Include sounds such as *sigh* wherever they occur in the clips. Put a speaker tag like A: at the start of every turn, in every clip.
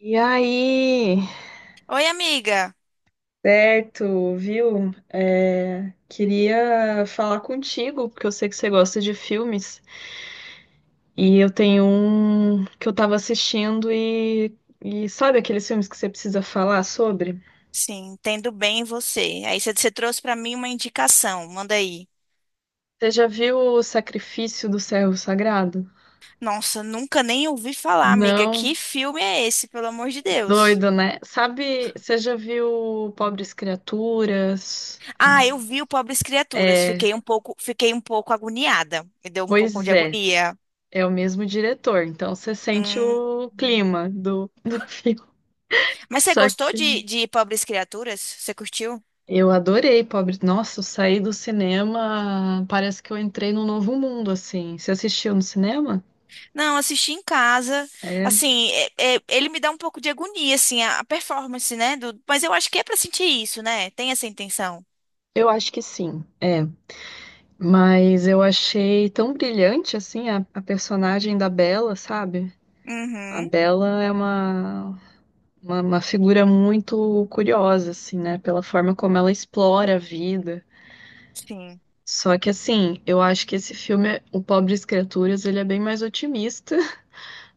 A: E aí?
B: Oi, amiga.
A: Certo, viu? Queria falar contigo, porque eu sei que você gosta de filmes. E eu tenho um que eu tava assistindo e sabe aqueles filmes que você precisa falar sobre?
B: Sim, entendo bem você. Aí você trouxe pra mim uma indicação, manda aí.
A: Você já viu O Sacrifício do Servo Sagrado?
B: Nossa, nunca nem ouvi falar, amiga.
A: Não?
B: Que filme é esse, pelo amor de Deus?
A: Doido, né? Sabe, você já viu Pobres Criaturas?
B: Ah, eu vi o Pobres Criaturas.
A: É,
B: Fiquei um pouco agoniada. Me deu um pouco
A: pois
B: de
A: é,
B: agonia.
A: é o mesmo diretor, então você sente
B: Hum.
A: o clima do *laughs* filme.
B: Mas você
A: Só
B: gostou
A: que
B: de Pobres Criaturas? Você curtiu?
A: eu adorei, pobre. Nossa, eu saí do cinema, parece que eu entrei num novo mundo, assim. Você assistiu no cinema?
B: Não, assisti em casa.
A: É,
B: Assim, ele me dá um pouco de agonia, assim, a performance, né? Do- mas eu acho que é pra sentir isso, né? Tem essa intenção.
A: eu acho que sim, é. Mas eu achei tão brilhante, assim, a personagem da Bela, sabe? A
B: Uhum.
A: Bela é uma figura muito curiosa, assim, né? Pela forma como ela explora a vida.
B: Sim.
A: Só que, assim, eu acho que esse filme, O Pobres Criaturas, ele é bem mais otimista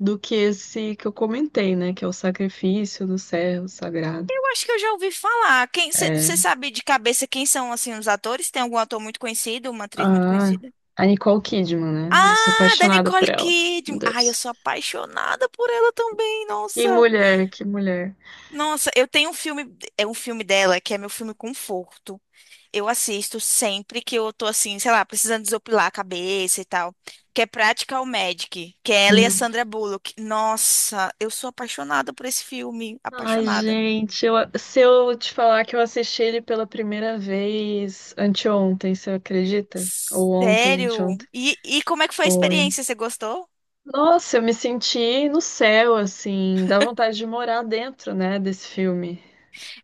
A: do que esse que eu comentei, né? Que é o Sacrifício do Servo Sagrado.
B: Eu acho que eu já ouvi falar. Quem você
A: É.
B: sabe de cabeça quem são assim os atores? Tem algum ator muito conhecido, uma atriz muito
A: Ah,
B: conhecida?
A: a Nicole Kidman, né? Ai, sou
B: Ah, da
A: apaixonada por
B: Nicole
A: ela. Meu
B: Kidman. Ai, eu
A: Deus.
B: sou apaixonada por ela também.
A: Que
B: Nossa.
A: mulher, que mulher.
B: Nossa, eu tenho um filme, é um filme dela que é meu filme conforto. Eu assisto sempre que eu tô assim, sei lá, precisando desopilar a cabeça e tal, que é Practical Magic, que é ela e a
A: Hum.
B: Sandra Bullock. Nossa, eu sou apaixonada por esse filme,
A: Ai,
B: apaixonada.
A: gente, se eu te falar que eu assisti ele pela primeira vez anteontem, você acredita? Ou ontem,
B: Sério?
A: anteontem.
B: E como é que foi a
A: Foi.
B: experiência? Você gostou?
A: Nossa, eu me senti no céu, assim. Dá vontade de morar dentro, né, desse filme.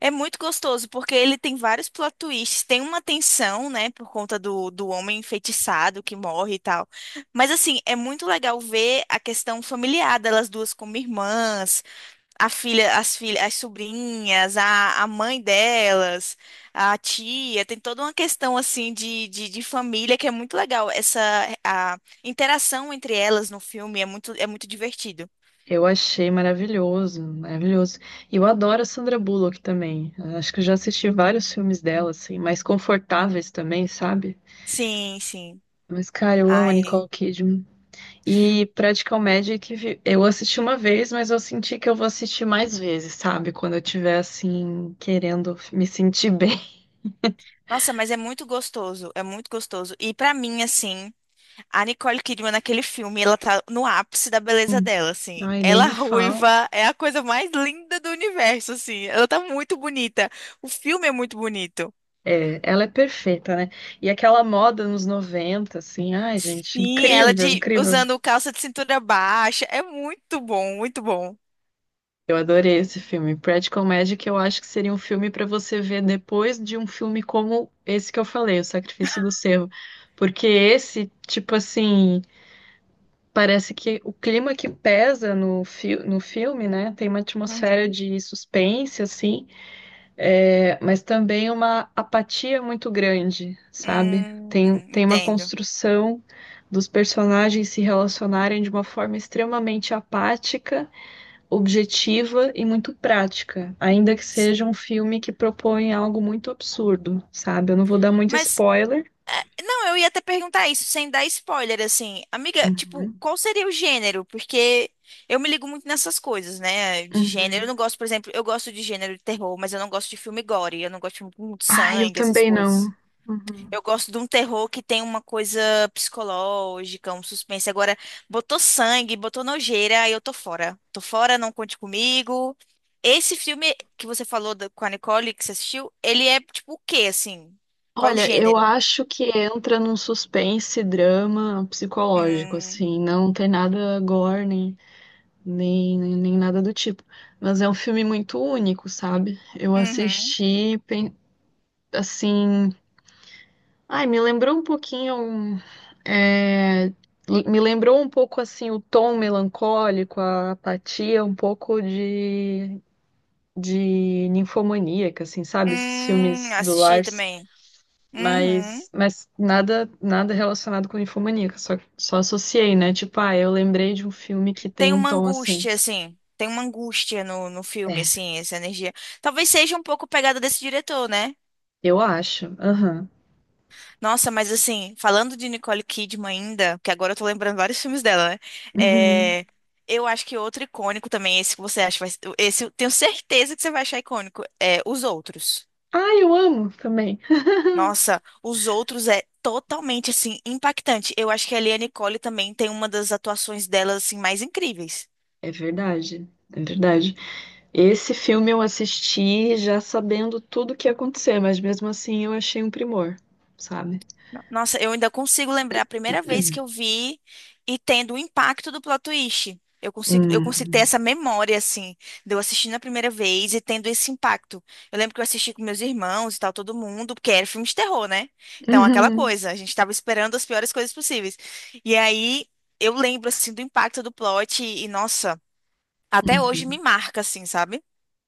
B: É muito gostoso, porque ele tem vários plot twists. Tem uma tensão, né, por conta do homem enfeitiçado que morre e tal. Mas, assim, é muito legal ver a questão familiar delas duas como irmãs, a filha, as filhas, as sobrinhas, a mãe delas, a tia. Tem toda uma questão, assim, de família que é muito legal. Essa, a interação entre elas no filme é é muito divertido.
A: Eu achei maravilhoso, maravilhoso. E eu adoro a Sandra Bullock também. Acho que eu já assisti vários filmes dela, assim, mais confortáveis também, sabe?
B: Sim, sim.
A: Mas, cara, eu amo a
B: Ai,
A: Nicole Kidman. E Practical Magic, eu assisti uma vez, mas eu senti que eu vou assistir mais vezes, sabe? Quando eu tiver, assim, querendo me sentir bem. *laughs*
B: nossa, mas é muito gostoso, é muito gostoso. E pra mim, assim, a Nicole Kidman naquele filme, ela tá no ápice da beleza
A: Hum,
B: dela, assim.
A: ai, nem
B: Ela
A: me fala.
B: ruiva é a coisa mais linda do universo, assim. Ela tá muito bonita. O filme é muito bonito.
A: É, ela é perfeita, né? E aquela moda nos 90, assim, ai, gente,
B: Sim, ela
A: incrível,
B: de
A: incrível.
B: usando calça de cintura baixa, é muito bom, muito bom.
A: Eu adorei esse filme. Practical Magic, eu acho que seria um filme para você ver depois de um filme como esse que eu falei, O Sacrifício do Cervo. Porque esse, tipo assim, parece que o clima que pesa no, fi no filme, né? Tem uma atmosfera
B: Uhum.
A: de suspense, assim, é, mas também uma apatia muito grande, sabe? Tem uma
B: Entendo.
A: construção dos personagens se relacionarem de uma forma extremamente apática, objetiva e muito prática, ainda que seja um
B: Sim.
A: filme que propõe algo muito absurdo, sabe? Eu não vou dar muito
B: Mas
A: spoiler.
B: Não, eu ia até perguntar isso, sem dar spoiler, assim. Amiga, tipo,
A: Uhum.
B: qual seria o gênero? Porque eu me ligo muito nessas coisas, né? De gênero. Eu
A: Uhum.
B: não gosto, por exemplo, eu gosto de gênero de terror, mas eu não gosto de filme gore. Eu não gosto de filme com muito
A: Ai, eu
B: sangue, essas
A: também não.
B: coisas.
A: Uhum.
B: Eu gosto de um terror que tem uma coisa psicológica, um suspense. Agora, botou sangue, botou nojeira, aí eu tô fora. Tô fora, não conte comigo. Esse filme que você falou da- com a Nicole, que você assistiu, ele é tipo o quê, assim? Qual é o
A: Olha, eu
B: gênero?
A: acho que entra num suspense, drama psicológico,
B: Hum.
A: assim, não tem nada gore, nem nada do tipo. Mas é um filme muito único, sabe? Eu
B: Uhum.
A: assisti, pen- assim, Ai, me lembrou um pouquinho, é, me lembrou um pouco assim o tom melancólico, a apatia, de ninfomaníaca, assim, sabe? Esses filmes do
B: Assisti
A: Lars,
B: também. Uhum.
A: mas nada relacionado com ninfomaníaca, só associei, né? Tipo, ah, eu lembrei de um filme que tem
B: Tem
A: um
B: uma
A: tom assim.
B: angústia, assim. Tem uma angústia no filme,
A: É,
B: assim, essa energia. Talvez seja um pouco pegada desse diretor, né?
A: eu acho. Aham.
B: Nossa, mas assim, falando de Nicole Kidman ainda, que agora eu tô lembrando vários filmes dela, né?
A: Uhum.
B: É, eu acho que outro icônico também, esse que você acha, esse eu tenho certeza que você vai achar icônico, é Os Outros.
A: Ah, eu amo também.
B: Nossa, Os Outros é totalmente, assim, impactante. Eu acho que ali a Nicole também tem uma das atuações dela, assim, mais incríveis.
A: É verdade, é verdade. Esse filme eu assisti já sabendo tudo o que ia acontecer, mas mesmo assim eu achei um primor, sabe?
B: Nossa, eu ainda consigo lembrar a primeira vez que
A: Hum.
B: eu vi e tendo o impacto do plot twist. Eu consigo ter
A: Uhum.
B: essa memória, assim, de eu assistindo a primeira vez e tendo esse impacto. Eu lembro que eu assisti com meus irmãos e tal, todo mundo, porque era filme de terror, né? Então, aquela
A: Uhum.
B: coisa, a gente tava esperando as piores coisas possíveis. E aí, eu lembro, assim, do impacto do plot e, nossa, até hoje me
A: Uhum.
B: marca, assim, sabe?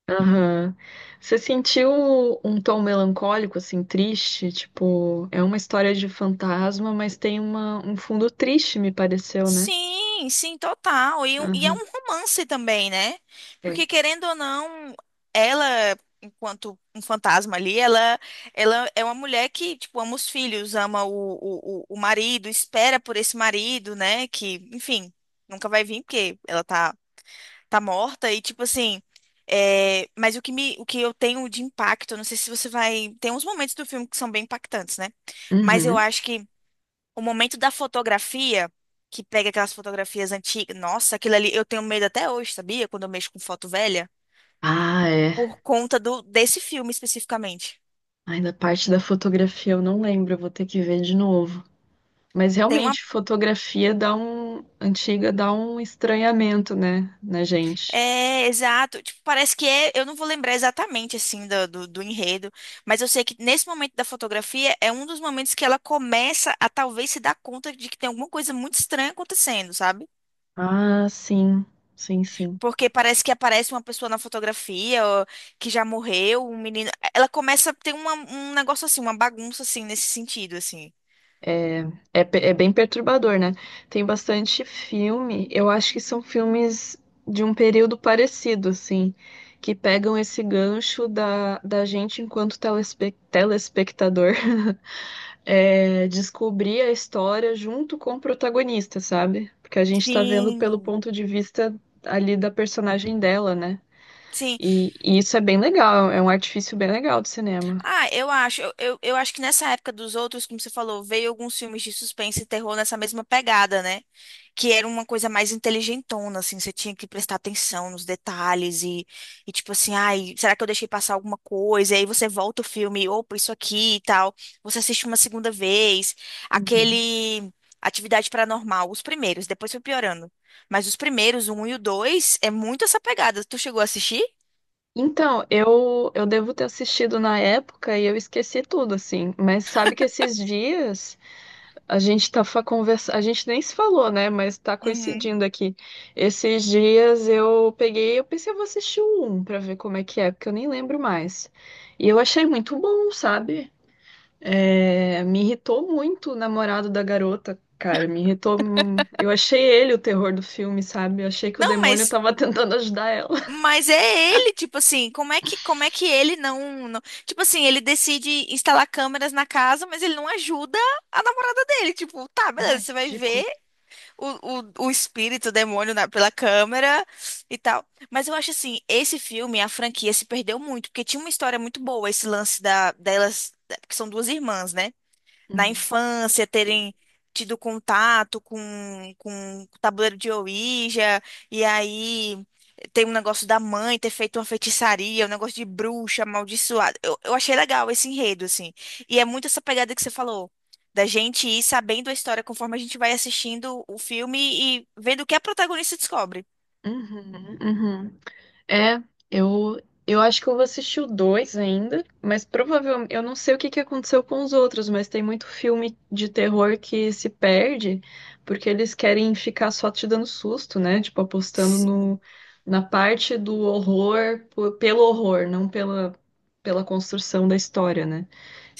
A: Aham. Você sentiu um tom melancólico, assim, triste? Tipo, é uma história de fantasma, mas tem uma, um fundo triste, me pareceu, né?
B: Sim, sim, total. E, e é
A: Aham.
B: um romance também, né?
A: É.
B: Porque querendo ou não, ela, enquanto um fantasma ali, ela é uma mulher que, tipo, ama os filhos, ama o marido, espera por esse marido, né? Que, enfim, nunca vai vir porque ela tá, tá morta. E, tipo assim, é, mas o que me, o que eu tenho de impacto, não sei se você vai. Tem uns momentos do filme que são bem impactantes, né? Mas eu
A: Uhum.
B: acho que o momento da fotografia, que pega aquelas fotografias antigas. Nossa, aquilo ali eu tenho medo até hoje, sabia? Quando eu mexo com foto velha,
A: Ah, é.
B: por conta do desse filme especificamente.
A: Ainda parte da fotografia eu não lembro, eu vou ter que ver de novo. Mas
B: Tem uma.
A: realmente, fotografia dá um, antiga dá um estranhamento, né, na gente.
B: É, exato. Tipo, parece que é. Eu não vou lembrar exatamente, assim, do enredo, mas eu sei que nesse momento da fotografia é um dos momentos que ela começa a talvez se dar conta de que tem alguma coisa muito estranha acontecendo, sabe?
A: Ah, sim, sim, sim.
B: Porque parece que aparece uma pessoa na fotografia ó, que já morreu, um menino. Ela começa a ter um negócio assim, uma bagunça assim, nesse sentido, assim.
A: É, é bem perturbador, né? Tem bastante filme, eu acho que são filmes de um período parecido, assim, que pegam esse gancho da gente enquanto telespectador *laughs* é, descobrir a história junto com o protagonista, sabe? Porque a gente tá vendo pelo
B: Sim,
A: ponto de vista ali da personagem dela, né?
B: sim.
A: E isso é bem legal, é um artifício bem legal do cinema.
B: Ah, eu acho. Eu acho que nessa época dos outros, como você falou, veio alguns filmes de suspense e terror nessa mesma pegada, né? Que era uma coisa mais inteligentona, assim, você tinha que prestar atenção nos detalhes e tipo assim, ai, será que eu deixei passar alguma coisa? E aí você volta o filme, opa, isso aqui e tal. Você assiste uma segunda vez.
A: Uhum.
B: Aquele Atividade Paranormal, os primeiros, depois foi piorando. Mas os primeiros, o um e o dois, é muito essa pegada. Tu chegou a assistir?
A: Então, eu devo ter assistido na época e eu esqueci tudo, assim. Mas sabe que esses dias, a gente tá conversa... a gente nem se falou, né? Mas tá
B: Uhum.
A: coincidindo aqui. Esses dias eu peguei, eu pensei, eu vou assistir o 1 pra ver como é que é, porque eu nem lembro mais. E eu achei muito bom, sabe? É, me irritou muito o namorado da garota, cara. Me irritou. Eu achei ele o terror do filme, sabe? Eu achei que o
B: Não,
A: demônio
B: mas
A: tava *laughs* tentando ajudar ela.
B: Mas é ele, tipo assim, como é que ele tipo assim, ele decide instalar câmeras na casa, mas ele não ajuda a namorada dele. Tipo, tá,
A: *laughs*
B: beleza,
A: Ai,
B: você vai ver
A: ridículo.
B: o, o espírito, o demônio na- pela câmera e tal. Mas eu acho assim, esse filme, a franquia se perdeu muito, porque tinha uma história muito boa, esse lance porque são duas irmãs, né? Na
A: Uhum.
B: infância terem tido contato com o tabuleiro de Ouija, e aí tem um negócio da mãe ter feito uma feitiçaria, um negócio de bruxa amaldiçoada. Eu achei legal esse enredo, assim. E é muito essa pegada que você falou. Da gente ir sabendo a história conforme a gente vai assistindo o filme e vendo o que a protagonista descobre.
A: Uhum, uhum. É, eu, eu acho que eu vou assistir o 2 ainda, mas provavelmente eu não sei o que que aconteceu com os outros, mas tem muito filme de terror que se perde porque eles querem ficar só te dando susto, né? Tipo, apostando no,
B: Sim.
A: na parte do horror po- pelo horror, não pela, pela construção da história, né?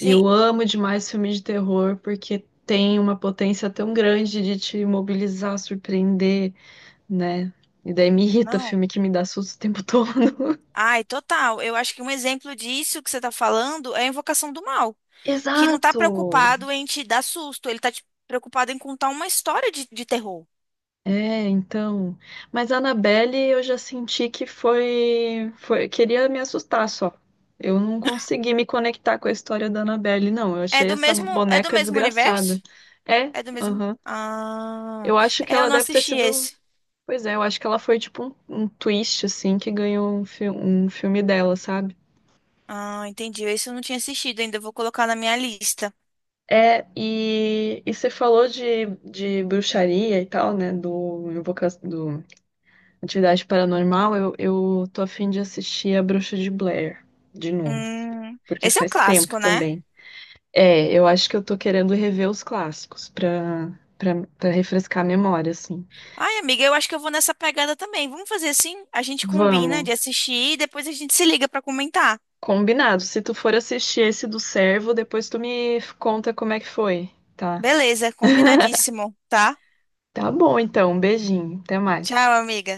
A: E eu amo demais filmes de terror porque tem uma potência tão grande de te mobilizar, surpreender, né? E daí me irrita
B: Não.
A: filme que me dá susto o tempo todo. *laughs*
B: Ai, total. Eu acho que um exemplo disso que você está falando é a Invocação do Mal, que não tá
A: Exato!
B: preocupado em te dar susto, ele preocupado em contar uma história de terror.
A: É, então. Mas a Annabelle eu já senti que foi. Queria me assustar só. Eu não consegui me conectar com a história da Annabelle, não. Eu achei essa
B: É do
A: boneca
B: mesmo
A: desgraçada.
B: universo?
A: É,
B: É do mesmo.
A: aham.
B: Ah,
A: Eu acho que
B: eu
A: ela
B: não
A: deve ter
B: assisti
A: sido.
B: esse.
A: Pois é, eu acho que ela foi tipo um twist, assim, que ganhou um filme dela, sabe?
B: Ah, entendi. Esse eu não tinha assistido ainda. Eu Vou colocar na minha lista.
A: É, e você falou de bruxaria e tal, né? Do Atividade Paranormal. Eu tô a fim de assistir A Bruxa de Blair de novo, porque
B: Esse é um
A: faz tempo
B: clássico, né?
A: também. É, eu acho que eu tô querendo rever os clássicos pra refrescar a memória, assim.
B: Ai, amiga, eu acho que eu vou nessa pegada também. Vamos fazer assim? A gente combina
A: Vamos,
B: de assistir e depois a gente se liga pra comentar.
A: combinado. Se tu for assistir esse do Servo, depois tu me conta como é que foi, tá?
B: Beleza,
A: *laughs*
B: combinadíssimo, tá?
A: Tá bom, então. Um beijinho. Até mais.
B: Tchau, amiga.